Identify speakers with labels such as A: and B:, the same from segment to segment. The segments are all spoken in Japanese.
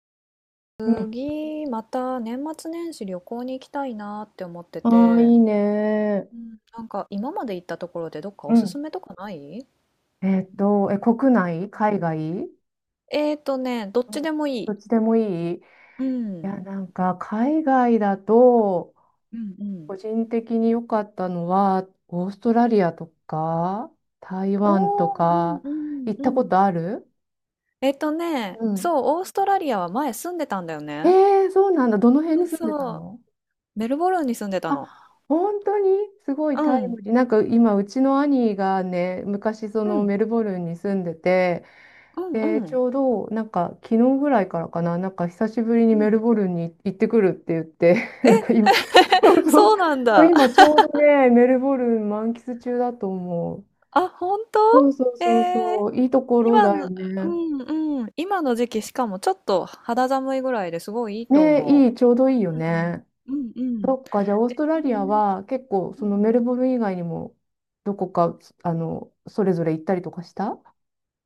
A: なんか
B: うん。
A: 次また年末年始旅行に行きたいなって思って
B: ああ、い
A: て、
B: いね。
A: うん、なんか今まで行ったところでどっか
B: う
A: おすす
B: ん。
A: めとかない？
B: 国内、海外？
A: どっ
B: うん。
A: ちでもい
B: ど
A: い。
B: っちでもいい。
A: うん。
B: なんか、海外だと、
A: うん、うん。
B: 個人的に良かったのは、オーストラリアとか、台湾と
A: おー、うん
B: か、
A: うん
B: 行っ
A: う
B: たこ
A: ん。
B: とある？うん。
A: そう、オーストラリアは前住んでたんだよ
B: え
A: ね。
B: ー、そうなんだ。どの辺
A: うん、
B: に住んでた
A: そう、
B: の？
A: メルボルンに住んでたの。
B: あ、本当に？すごい
A: う
B: タイ
A: ん、
B: ムリー。なんか今、うちの兄がね、昔そ
A: う
B: の
A: ん、
B: メルボルンに住んでて、
A: うん、
B: で、
A: う
B: ち
A: ん。
B: ょうど、なんか、昨日ぐらいからかな、なんか、久しぶりに
A: う
B: メル
A: ん、
B: ボルンに行ってくるって言って、なんか
A: え、
B: 今、そうそ
A: そ
B: う、
A: うなん
B: そう
A: だ。
B: 今ちょうどね、メルボルン満喫中だと思う。
A: あ、本当？
B: そうそうそう
A: えー、
B: そう、いいところ
A: 今
B: だよ
A: の、う
B: ね。
A: んうん、今の時期しかもちょっと肌寒いぐらいですごいいいと
B: ね、
A: 思
B: いい、ちょうどいいよ
A: う。
B: ね。
A: うん、うんうん。
B: そっか、じゃあ、オースト
A: う
B: ラリア
A: ん。
B: は結構、そのメルボルン以外にも、どこか、それぞれ行ったりとかした？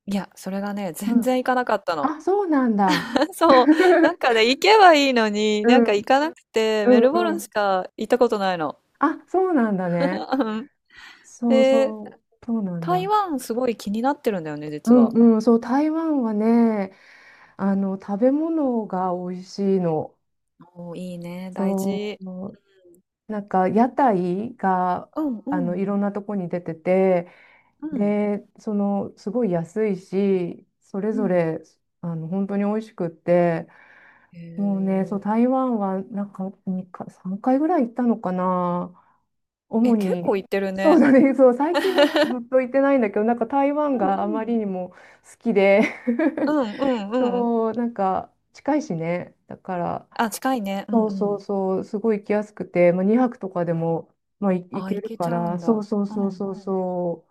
A: いや、それがね、
B: う
A: 全
B: ん。
A: 然行かなかったの。
B: あ、そうなんだ。
A: そう、なんか ね、行けばいいのに、
B: う
A: なんか
B: ん、
A: 行かなくて、
B: う
A: メルボル
B: ん、う
A: ンし
B: ん。
A: か行ったことないの。
B: あ、そうなんだね。
A: うん。
B: そう
A: で、
B: そう、そうなん
A: 台
B: だ。
A: 湾すごい気になってるんだよね、
B: う
A: 実
B: ん
A: は。
B: うん、そう、台湾はね、食べ物が美味しいの。
A: おー、いいね、大
B: そ
A: 事。
B: う、なんか屋台が、
A: うんう
B: い
A: ん
B: ろんなとこに出てて、
A: うん
B: で、すごい安いし、それ
A: う
B: ぞ
A: ん。
B: れ、本当に美味しくって、
A: へ
B: もうね、そう、
A: え。
B: 台湾は、なんか、2か、3回ぐらい行ったのかな。
A: え、
B: 主
A: 結構
B: に、
A: 行ってる
B: そう
A: ね。
B: だね、そう、最近もずっと行ってないんだけど、なんか台
A: う
B: 湾
A: ん
B: があ
A: う
B: ま
A: ん。
B: りにも好きで、
A: うんうんうん。
B: そう、なんか近いしね。だから、
A: あ、近いね。うん
B: そう
A: う
B: そう
A: ん。
B: そう、すごい行きやすくて、まあ、2泊とかでも、まあ、行
A: あ、
B: け
A: 行
B: る
A: け
B: か
A: ちゃう
B: ら、
A: ん
B: そ
A: だ。
B: うそう
A: うん
B: そ
A: う
B: う
A: ん。
B: そうそう、そ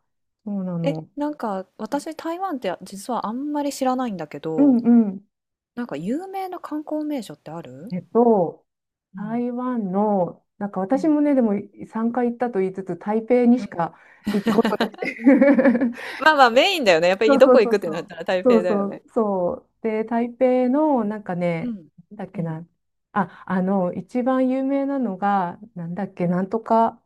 B: うな
A: え、
B: の。
A: なんか私台湾って実はあんまり知らないんだけ
B: うん
A: ど、
B: うん。
A: なんか有名な観光名所ってある？
B: えっと、
A: うん。
B: 台湾の、なんか
A: う
B: 私
A: ん。
B: もね、でも3回行ったと言いつつ、台北に
A: う
B: し
A: ん。
B: か行ったことなくて。
A: まあまあメインだよね。やっぱ
B: そ
A: り
B: う
A: ど
B: そ
A: こ
B: うそ
A: 行くっ
B: う
A: て
B: そ
A: なっ
B: う。
A: たら台
B: そ
A: 北
B: う
A: だ
B: そ
A: よ
B: う
A: ね。
B: そう。で、台北の、なんか
A: う
B: ね、
A: ん。
B: なんだっ
A: う
B: け
A: ん。
B: な。あ、一番有名なのが、なんだっ
A: う
B: け、
A: ん。
B: なんとか。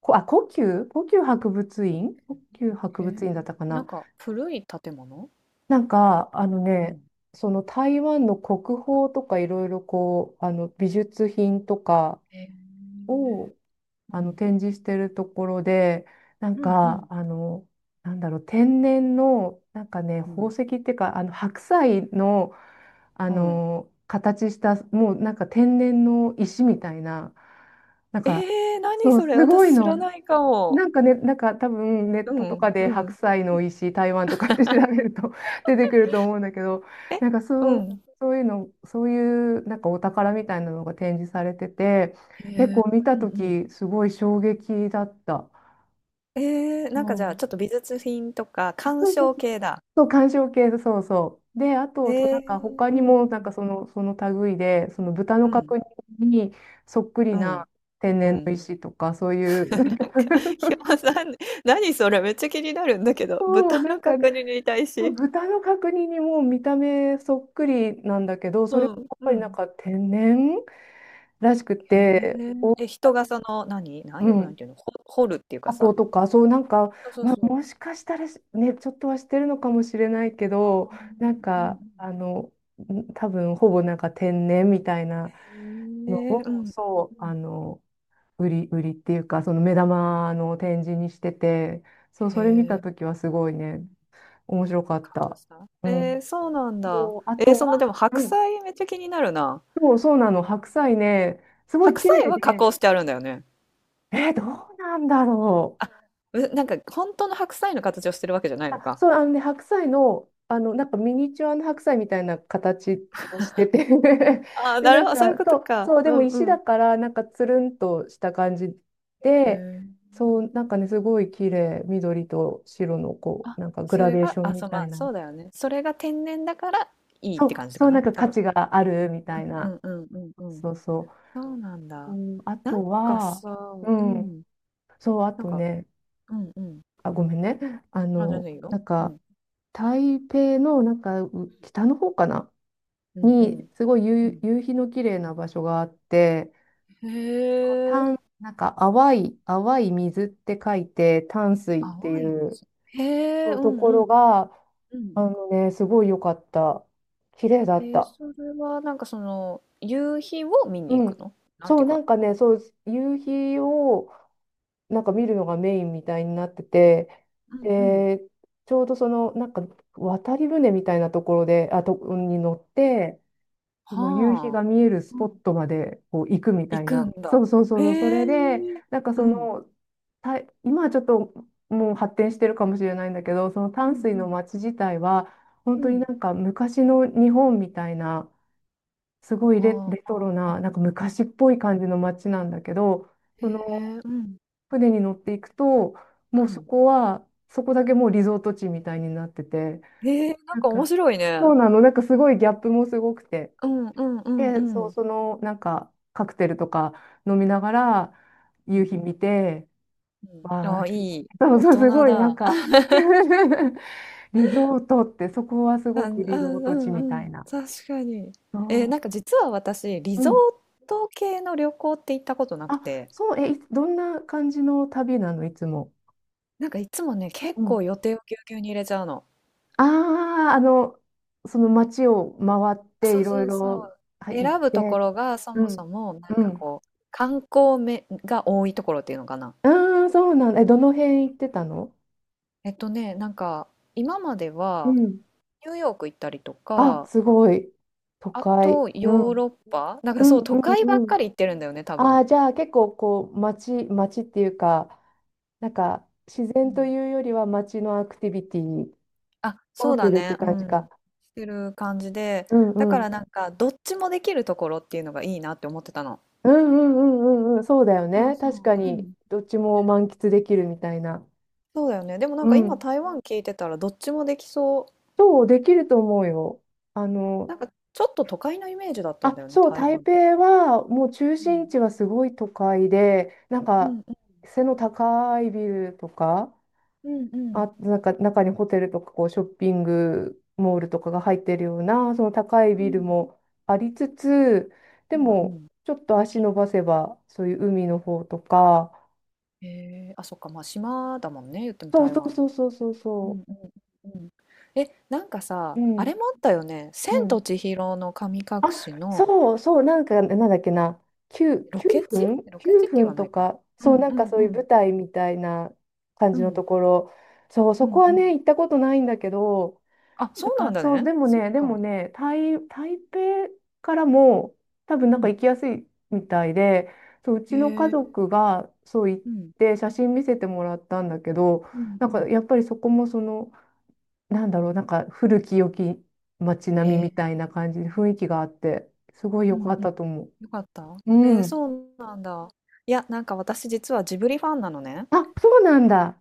B: あ、故宮博
A: へ
B: 物
A: え。
B: 院だったか
A: な
B: な？
A: んか古い建物。
B: なんか、あの
A: う
B: ね、
A: ん。
B: その台湾の国宝とかいろいろこう、美術品とか
A: へえ。
B: を
A: うん。
B: 展示してるところで、なん
A: うんうん
B: か、なんだろう、天然の、なんかね、
A: う
B: 宝
A: ん。
B: 石っていうか、あの白菜の、
A: うん。
B: 形した、もうなんか天然の石みたいな、なん
A: え
B: か、
A: ー、何
B: そう、
A: それ
B: すごい
A: 私知
B: の。
A: らないかも。
B: なんかね、なんか多分ネ
A: う
B: ットとか
A: ん
B: で
A: う
B: 白
A: ん。
B: 菜の美味しい台湾とかって調べると、 出てくると思うんだけど、
A: え、
B: なんか
A: う
B: そう、
A: ん。
B: そういうの、そういうなんかお宝みたいなのが展示されてて、
A: へ
B: 結
A: え、
B: 構見
A: う
B: た
A: ん
B: と
A: うん。
B: きすごい衝撃だった。
A: えー、
B: う
A: なんかじゃあ
B: ん、
A: ちょっと美術品とか鑑
B: そうそう
A: 賞
B: そう。
A: 系だ。
B: そう、鑑賞系、そうそう。で、あ
A: え
B: と、そうなんか
A: ー、
B: 他
A: う
B: に
A: んう
B: も、なんか
A: ん。
B: その、その類で、その豚の
A: うん。
B: 角煮にそっくり
A: うん。
B: な天
A: う
B: 然の
A: ん。
B: 石とか、そういう、なん
A: な
B: か、
A: ん か、ひよさん、何それめっちゃ気になるんだけど、
B: そう、
A: 豚
B: なん
A: の
B: かね、
A: 角煮に対し。
B: 豚の角煮にもう見た目そっくりなんだけど、それも
A: う
B: や
A: ん。
B: っぱ
A: う
B: りなん
A: ん。
B: か天然らしく
A: へ
B: て、お、
A: え。え、人がその、何
B: う
A: 何の、なん
B: ん、
A: ていうのほ掘るっていうか
B: 箱
A: さ。
B: とか、そうなんか、
A: そうそう
B: まあ、
A: そう。
B: もしかしたらしね、ちょっとはしてるのかもしれないけ
A: あ
B: ど、なん
A: ー、う
B: か、
A: ん
B: 多分ほぼなんか天然みたいな
A: うん。
B: の
A: へえ、うんう
B: を、
A: ん
B: そ
A: う
B: う、
A: ん。
B: 売りっていうか、その目玉の展示にしてて、そう、
A: へ
B: それ見たと
A: え、
B: きはすごいね、面白かっ
A: 感動
B: た。
A: した。
B: う
A: え
B: ん。
A: ー、そうなんだ。
B: そう、あ
A: えー、
B: と
A: そのでも
B: は、う
A: 白
B: ん、
A: 菜めっちゃ気になるな。
B: そう、そうなの。白菜ね、すごい
A: 白
B: 綺
A: 菜
B: 麗
A: は加
B: で、
A: 工してあるんだよね。
B: どうなんだろ
A: あ、う、なんか本当の白菜の形をしてるわけじゃない
B: う。
A: の
B: あ、
A: か。
B: そう、あのね、白菜の、なんかミニチュアの白菜みたいな形をしてて、
A: あ あ、
B: で、
A: な
B: な
A: る
B: ん
A: ほど、そういう
B: か、
A: こ
B: そ
A: と
B: う、
A: か。
B: そう、で
A: う
B: も
A: ん
B: 石
A: う
B: だ
A: ん。
B: から、なんかつるんとした感じ
A: へ
B: で、
A: え。
B: そう、なんかね、すごい綺麗、緑と白の、こう、
A: あ、
B: なんかグ
A: そ
B: ラ
A: れ
B: デーシ
A: が、
B: ョン
A: あ、そ
B: み
A: う、
B: た
A: ま
B: い
A: あ、
B: な。
A: そうだよね。それが天然だからいいっ
B: そ
A: て感
B: う、
A: じ
B: そ
A: か
B: う、なん
A: な、
B: か
A: 多
B: 価
A: 分。
B: 値があるみたい
A: うんう
B: な。
A: んうんうんうん。
B: そうそ
A: そうなん
B: う。う
A: だ。
B: ん、あ
A: なん
B: と
A: か
B: は、
A: さ、
B: う
A: う
B: ん、
A: ん、
B: そう、あ
A: なん
B: と
A: か、
B: ね、
A: うんうん。
B: あ、ごめんね。
A: あ、全然いいよ。
B: なん
A: う
B: か、
A: ん。
B: 台北の、なんか、北の方かな、
A: うんうん。
B: に、すごい
A: うん。
B: 夕日の綺麗な場所があって、
A: へえ。
B: なんか、淡い水って書いて、淡水ってい
A: 淡い
B: う
A: 水。へえ、
B: そう
A: う
B: と
A: んう
B: こ
A: ん。
B: ろが、
A: うんうん。
B: あのね、すごい良かった。綺麗だ
A: え
B: っ
A: ー、
B: た。
A: それはなんかその、夕日を見に
B: う
A: 行く
B: ん。
A: の？なん
B: そ
A: て
B: う、
A: いう
B: な
A: か、
B: んかね、そう、夕日を、なんか見るのがメインみたいになってて、
A: うんうん。
B: で、ちょうどその、なんか渡り船みたいなところで、に乗って、今夕日
A: はあ。
B: が見えるス
A: う
B: ポ
A: ん、
B: ットまでこう行くみた
A: 行
B: い
A: く
B: な。
A: ん
B: そ
A: だ。
B: うそうそう
A: へ
B: そう、そ
A: え。
B: れで、なんか
A: う
B: そ
A: ん。
B: の、た、今はちょっともう発展してるかもしれないんだけど、その
A: う
B: 淡
A: ん
B: 水
A: う
B: の
A: ん。
B: 街自体は、本
A: う
B: 当に
A: ん。
B: なんか昔の日本みたいな、すご
A: は
B: い
A: あは
B: レ
A: あ
B: トロ
A: はあ。
B: な、なんか昔っぽい感じの街なんだけど、
A: へ
B: その
A: え、うん。
B: 船に乗っていくと、も
A: う
B: うそ
A: ん。
B: こは、そこだけもうリゾート地みたいになってて、
A: へえ、なん
B: な
A: か
B: ん
A: 面
B: か、
A: 白い
B: そう
A: ね。
B: なの、なんかすごいギャップもすごくて。
A: うんうんうんう
B: で、そ
A: ん。
B: う、
A: う
B: その、なんか、カクテルとか飲みながら、夕日
A: ん。
B: 見て、
A: うん。
B: わ
A: あ
B: あ、
A: あ、いい、
B: そう
A: 大
B: そう、
A: 人
B: すごい、なん
A: だ。
B: か、 リゾートって、そこはす
A: あ、
B: ご
A: うん
B: くリゾート地
A: う
B: み
A: んう
B: たい
A: ん。
B: な。
A: 確かに。ええ、
B: そ
A: なんか実は私、リ
B: う、う
A: ゾ
B: ん。
A: ート系の旅行って行ったことなく
B: あ、
A: て、
B: そう、え、どんな感じの旅なの、いつも？
A: なんかいつもね、結構予定をぎゅうぎゅうに入れちゃうの。
B: ああ、その街を回って
A: そ
B: い
A: う
B: ろ
A: そ
B: い
A: うそう。
B: ろはい行っ
A: 選ぶとこ
B: て、
A: ろがそ
B: う
A: もそ
B: ん、
A: もなん
B: う
A: か
B: ん。
A: こう観光めが多いところっていうのかな。
B: ああ、そうなんだ。え、どの辺行ってたの？
A: なんか今まで
B: う
A: は
B: ん。
A: ニューヨーク行ったりと
B: あ、
A: か、
B: すごい。都
A: あ
B: 会。
A: と
B: うん。
A: ヨーロッ
B: う
A: パ、なんか
B: ん、
A: そう都
B: う
A: 会ばっ
B: ん、うん。
A: かり行ってるんだよね、多
B: あ
A: 分。
B: あ、じゃあ結構こう、街っていうか、なんか自
A: う
B: 然と
A: ん。
B: いうよりは街のアクティビティ
A: あ、
B: を
A: そう
B: す
A: だ
B: るって
A: ね、う
B: 感じ
A: ん。
B: か。
A: してる感じで、
B: うん
A: だ
B: う
A: か
B: ん。
A: らなんかどっちもできるところっていうのがいいなって思ってたの。
B: うんうんうんうんうん。そうだよ
A: そう
B: ね。
A: そ
B: 確か
A: う、う
B: に、
A: ん。
B: どっちも満喫できるみたいな。
A: そうだよね。でもなん
B: う
A: か今
B: ん。
A: 台湾聞いてたらどっちもできそう。
B: そう、できると思うよ。あの、
A: なんかちょっと都会のイメージだったんだ
B: あ、
A: よね、
B: そう、
A: 台
B: 台
A: 湾って。
B: 北はもう中
A: う
B: 心
A: ん。
B: 地はすごい都会で、なん
A: う
B: か
A: ん
B: 背の高いビルとか、
A: うんうん。
B: あ、なんか中にホテルとかこうショッピングモールとかが入ってるような、その高い
A: う
B: ビル
A: ん
B: もありつつ、で
A: うんう
B: も
A: ん。
B: ちょっと足伸ばせば、そういう海の方とか、
A: へえ、あ、そっか、まあ島だもんね、言っても
B: そう
A: 台
B: そう
A: 湾
B: そう
A: も。
B: そうそう
A: う
B: そ
A: んうんうん。え、なんか
B: う、
A: さ、
B: う
A: あ
B: ん、
A: れもあったよね。
B: う
A: 千と
B: ん。
A: 千尋の神隠
B: あ、
A: しの
B: そう、そう、なんか、なんだっけな、9、
A: ロ
B: 9
A: ケ地、
B: 分
A: っ
B: ?9
A: て言
B: 分
A: わな
B: と
A: いか。
B: か、
A: う
B: そ
A: ん
B: う、
A: う
B: なんか
A: ん
B: そう
A: う
B: いう
A: ん。
B: 舞台みたいな感
A: う
B: じの
A: ん
B: ところ、そう、
A: う
B: そ
A: ん
B: こ
A: う
B: はね、
A: ん。
B: 行ったことないんだけど、
A: あ、
B: な
A: そ
B: ん
A: うなん
B: か
A: だ
B: そう、
A: ね。そっ
B: でも
A: か。
B: ね、台北からも、多分
A: う
B: なんか
A: ん。
B: 行きやすいみたいで、そう、う
A: へ
B: ちの家
A: え。
B: 族がそう行っ
A: うん。
B: て、写真見せてもらったんだけど、
A: うん
B: な
A: う
B: んか
A: ん。
B: やっぱりそこもその、なんだろう、なんか古き良き街
A: へ
B: 並みみ
A: え。
B: たいな感じで雰囲気があって、すごい良
A: う
B: か
A: ん
B: っ
A: うん。
B: たと思う。
A: よかった？え
B: う
A: ー、
B: ん。
A: そうなんだ。いや、なんか私実はジブリファンなのね。
B: あ、そうなんだ。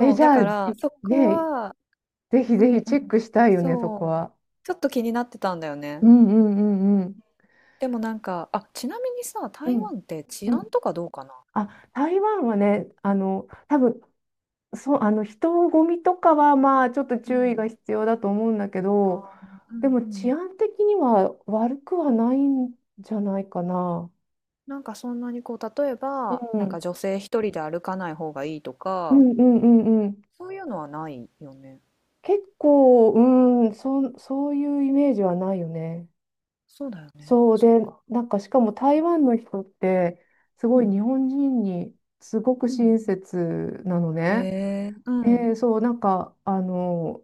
B: え、
A: う、
B: じ
A: だ
B: ゃあ、
A: からそこ
B: ね、
A: は、
B: ぜひ
A: う
B: ぜ
A: んう
B: ひチェッ
A: ん。
B: クしたいよね、そこ
A: そう。
B: は。
A: ちょっと気になってたんだよ
B: う
A: ね。
B: んうんうんうん。
A: でもなんか、あ、ちなみにさ、
B: う
A: 台
B: ん
A: 湾って治
B: う
A: 安
B: ん。
A: とかどうかな？
B: あ、台湾はね、多分、そう、人混みとかは、まあ、ちょっと
A: う
B: 注意が
A: ん。
B: 必要だと思うんだけ
A: あ
B: ど、
A: ー、う
B: で
A: ん
B: も
A: う
B: 治
A: ん。
B: 安的には悪くはないんじゃないかな。
A: なんかそんなにこう、例え
B: う
A: ば、なんか
B: ん。
A: 女性一人で歩かない方がいいと
B: う
A: か、
B: んうんうんうん。
A: そういうのはないよね。
B: 結構、うん、そういうイメージはないよね。
A: そうだよね。
B: そう
A: そっ
B: で、
A: か。
B: なんかしかも台湾の人って、す
A: う
B: ごい
A: ん。
B: 日本人にすごく
A: うんう
B: 親切なの
A: ん。
B: ね。
A: へえ、うん。
B: で、そう、なんか、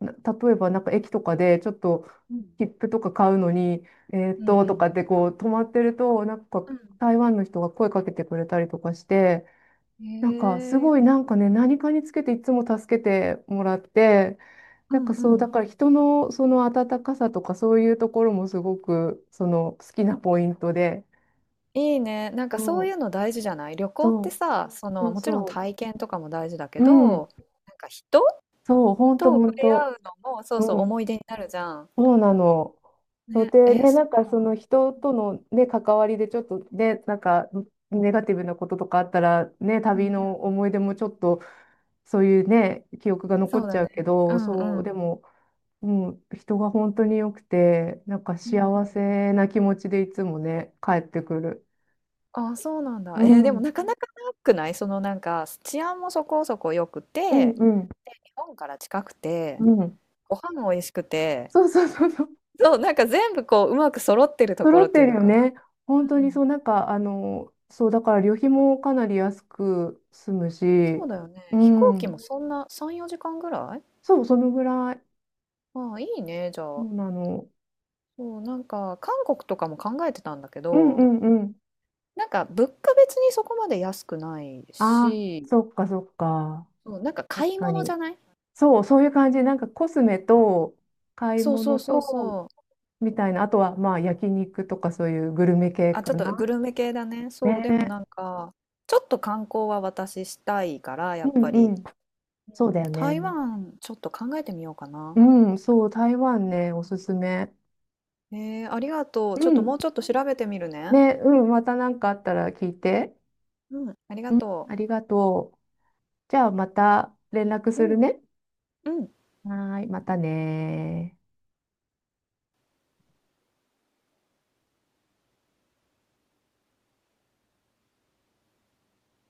B: 例えばなんか駅とかでちょっと
A: うん。
B: 切符とか買うのに、えー
A: う
B: っ
A: ん
B: と、
A: う
B: とか
A: ん。
B: ってこう止まってると、なんか
A: うん。
B: 台湾の人が声かけてくれたりとかして、
A: へ
B: なんかす
A: え。
B: ごいなんかね、何かにつけていつも助けてもらって、
A: う
B: なん
A: ん
B: かそ
A: う
B: う、だ
A: ん。
B: から人のその温かさとかそういうところもすごくその好きなポイントで。
A: いいね。なんかそ
B: そ
A: うい
B: う、
A: うの大事じゃない、旅行っ
B: そ
A: て
B: う、
A: さ、そ
B: そ
A: の、
B: う
A: もちろん
B: そ
A: 体験とかも大事だけ
B: う。うん、
A: ど、なんか人
B: そう、ほんと
A: と
B: ほ
A: 触
B: ん
A: れ合
B: と。
A: うのも、そ
B: う
A: うそう、思
B: ん、
A: い出になるじゃん。
B: そうなの。そう
A: ね。
B: で、
A: え、
B: ね、な
A: そ
B: ん
A: っか。
B: かその人と
A: うん
B: のね、関わりでちょっとね、なんかネガティブなこととかあったら、ね、
A: う
B: 旅
A: ん。う
B: の
A: ん。
B: 思い出もちょっとそういうね、記憶が残
A: そ
B: っ
A: う
B: ち
A: だ
B: ゃ
A: ね。
B: うけ
A: う
B: ど、
A: ん
B: そ
A: う
B: う、で
A: ん。
B: も、もう人が本当に良くて、なんか
A: うんうん、
B: 幸せな気持ちでいつもね、帰ってくる。
A: あ、そうなんだ。
B: う
A: えー、でも
B: ん、
A: なかなかなくない、そのなんか治安もそこそこ良く
B: うん、
A: て、
B: うん、
A: 日本から近くて、
B: うん。
A: ご飯も美味しくて、
B: そうそうそうそう。
A: そう、なんか全部こう、うまく揃ってるとこ
B: 揃
A: ろ
B: っ
A: っ
B: て
A: ていう
B: る
A: の
B: よ
A: かな。
B: ね。本当
A: う
B: に
A: ん。
B: そう、なんか、そう、だから旅費もかなり安く済む
A: そう
B: し、
A: だよね。
B: う
A: 飛行機
B: ん。
A: もそんな3、4時間ぐらい。
B: そう、そのぐらい。
A: ああ、いいね、じゃ
B: そ
A: あ。
B: うなの。
A: そう、なんか韓国とかも考えてたんだけ
B: うんう
A: ど、
B: んうん。
A: なんか物価別にそこまで安くない
B: ああ、
A: し、
B: そっかそっか。
A: そう、なんか買
B: 確
A: い
B: か
A: 物じ
B: に。
A: ゃない、
B: そう、そういう感じ。なんかコスメと買い
A: そうそう
B: 物
A: そう
B: と、
A: そう。
B: みたいな。あとは、まあ、焼肉とかそういうグルメ系
A: あ、
B: か
A: ちょっと
B: な。
A: グルメ系だね。そう、でも
B: ね。
A: なんか、ちょっと観光は私したいから、やっ
B: う
A: ぱ
B: んう
A: り。
B: ん。
A: う
B: そうだ
A: ん、
B: よね。
A: 台湾ちょっと考えてみようかな。
B: うん、そう、台
A: う
B: 湾
A: ん、
B: ね、おすすめ。
A: えー、ありがとう。
B: う
A: ちょっと
B: ん。
A: もうちょっと調べてみるね。
B: ね、うん、また何かあったら聞いて。
A: うん、ありが
B: うん、
A: と
B: ありがとう。じゃあ、また連絡
A: う。
B: す
A: う
B: る
A: ん、
B: ね。
A: うん。
B: はーい、またねー。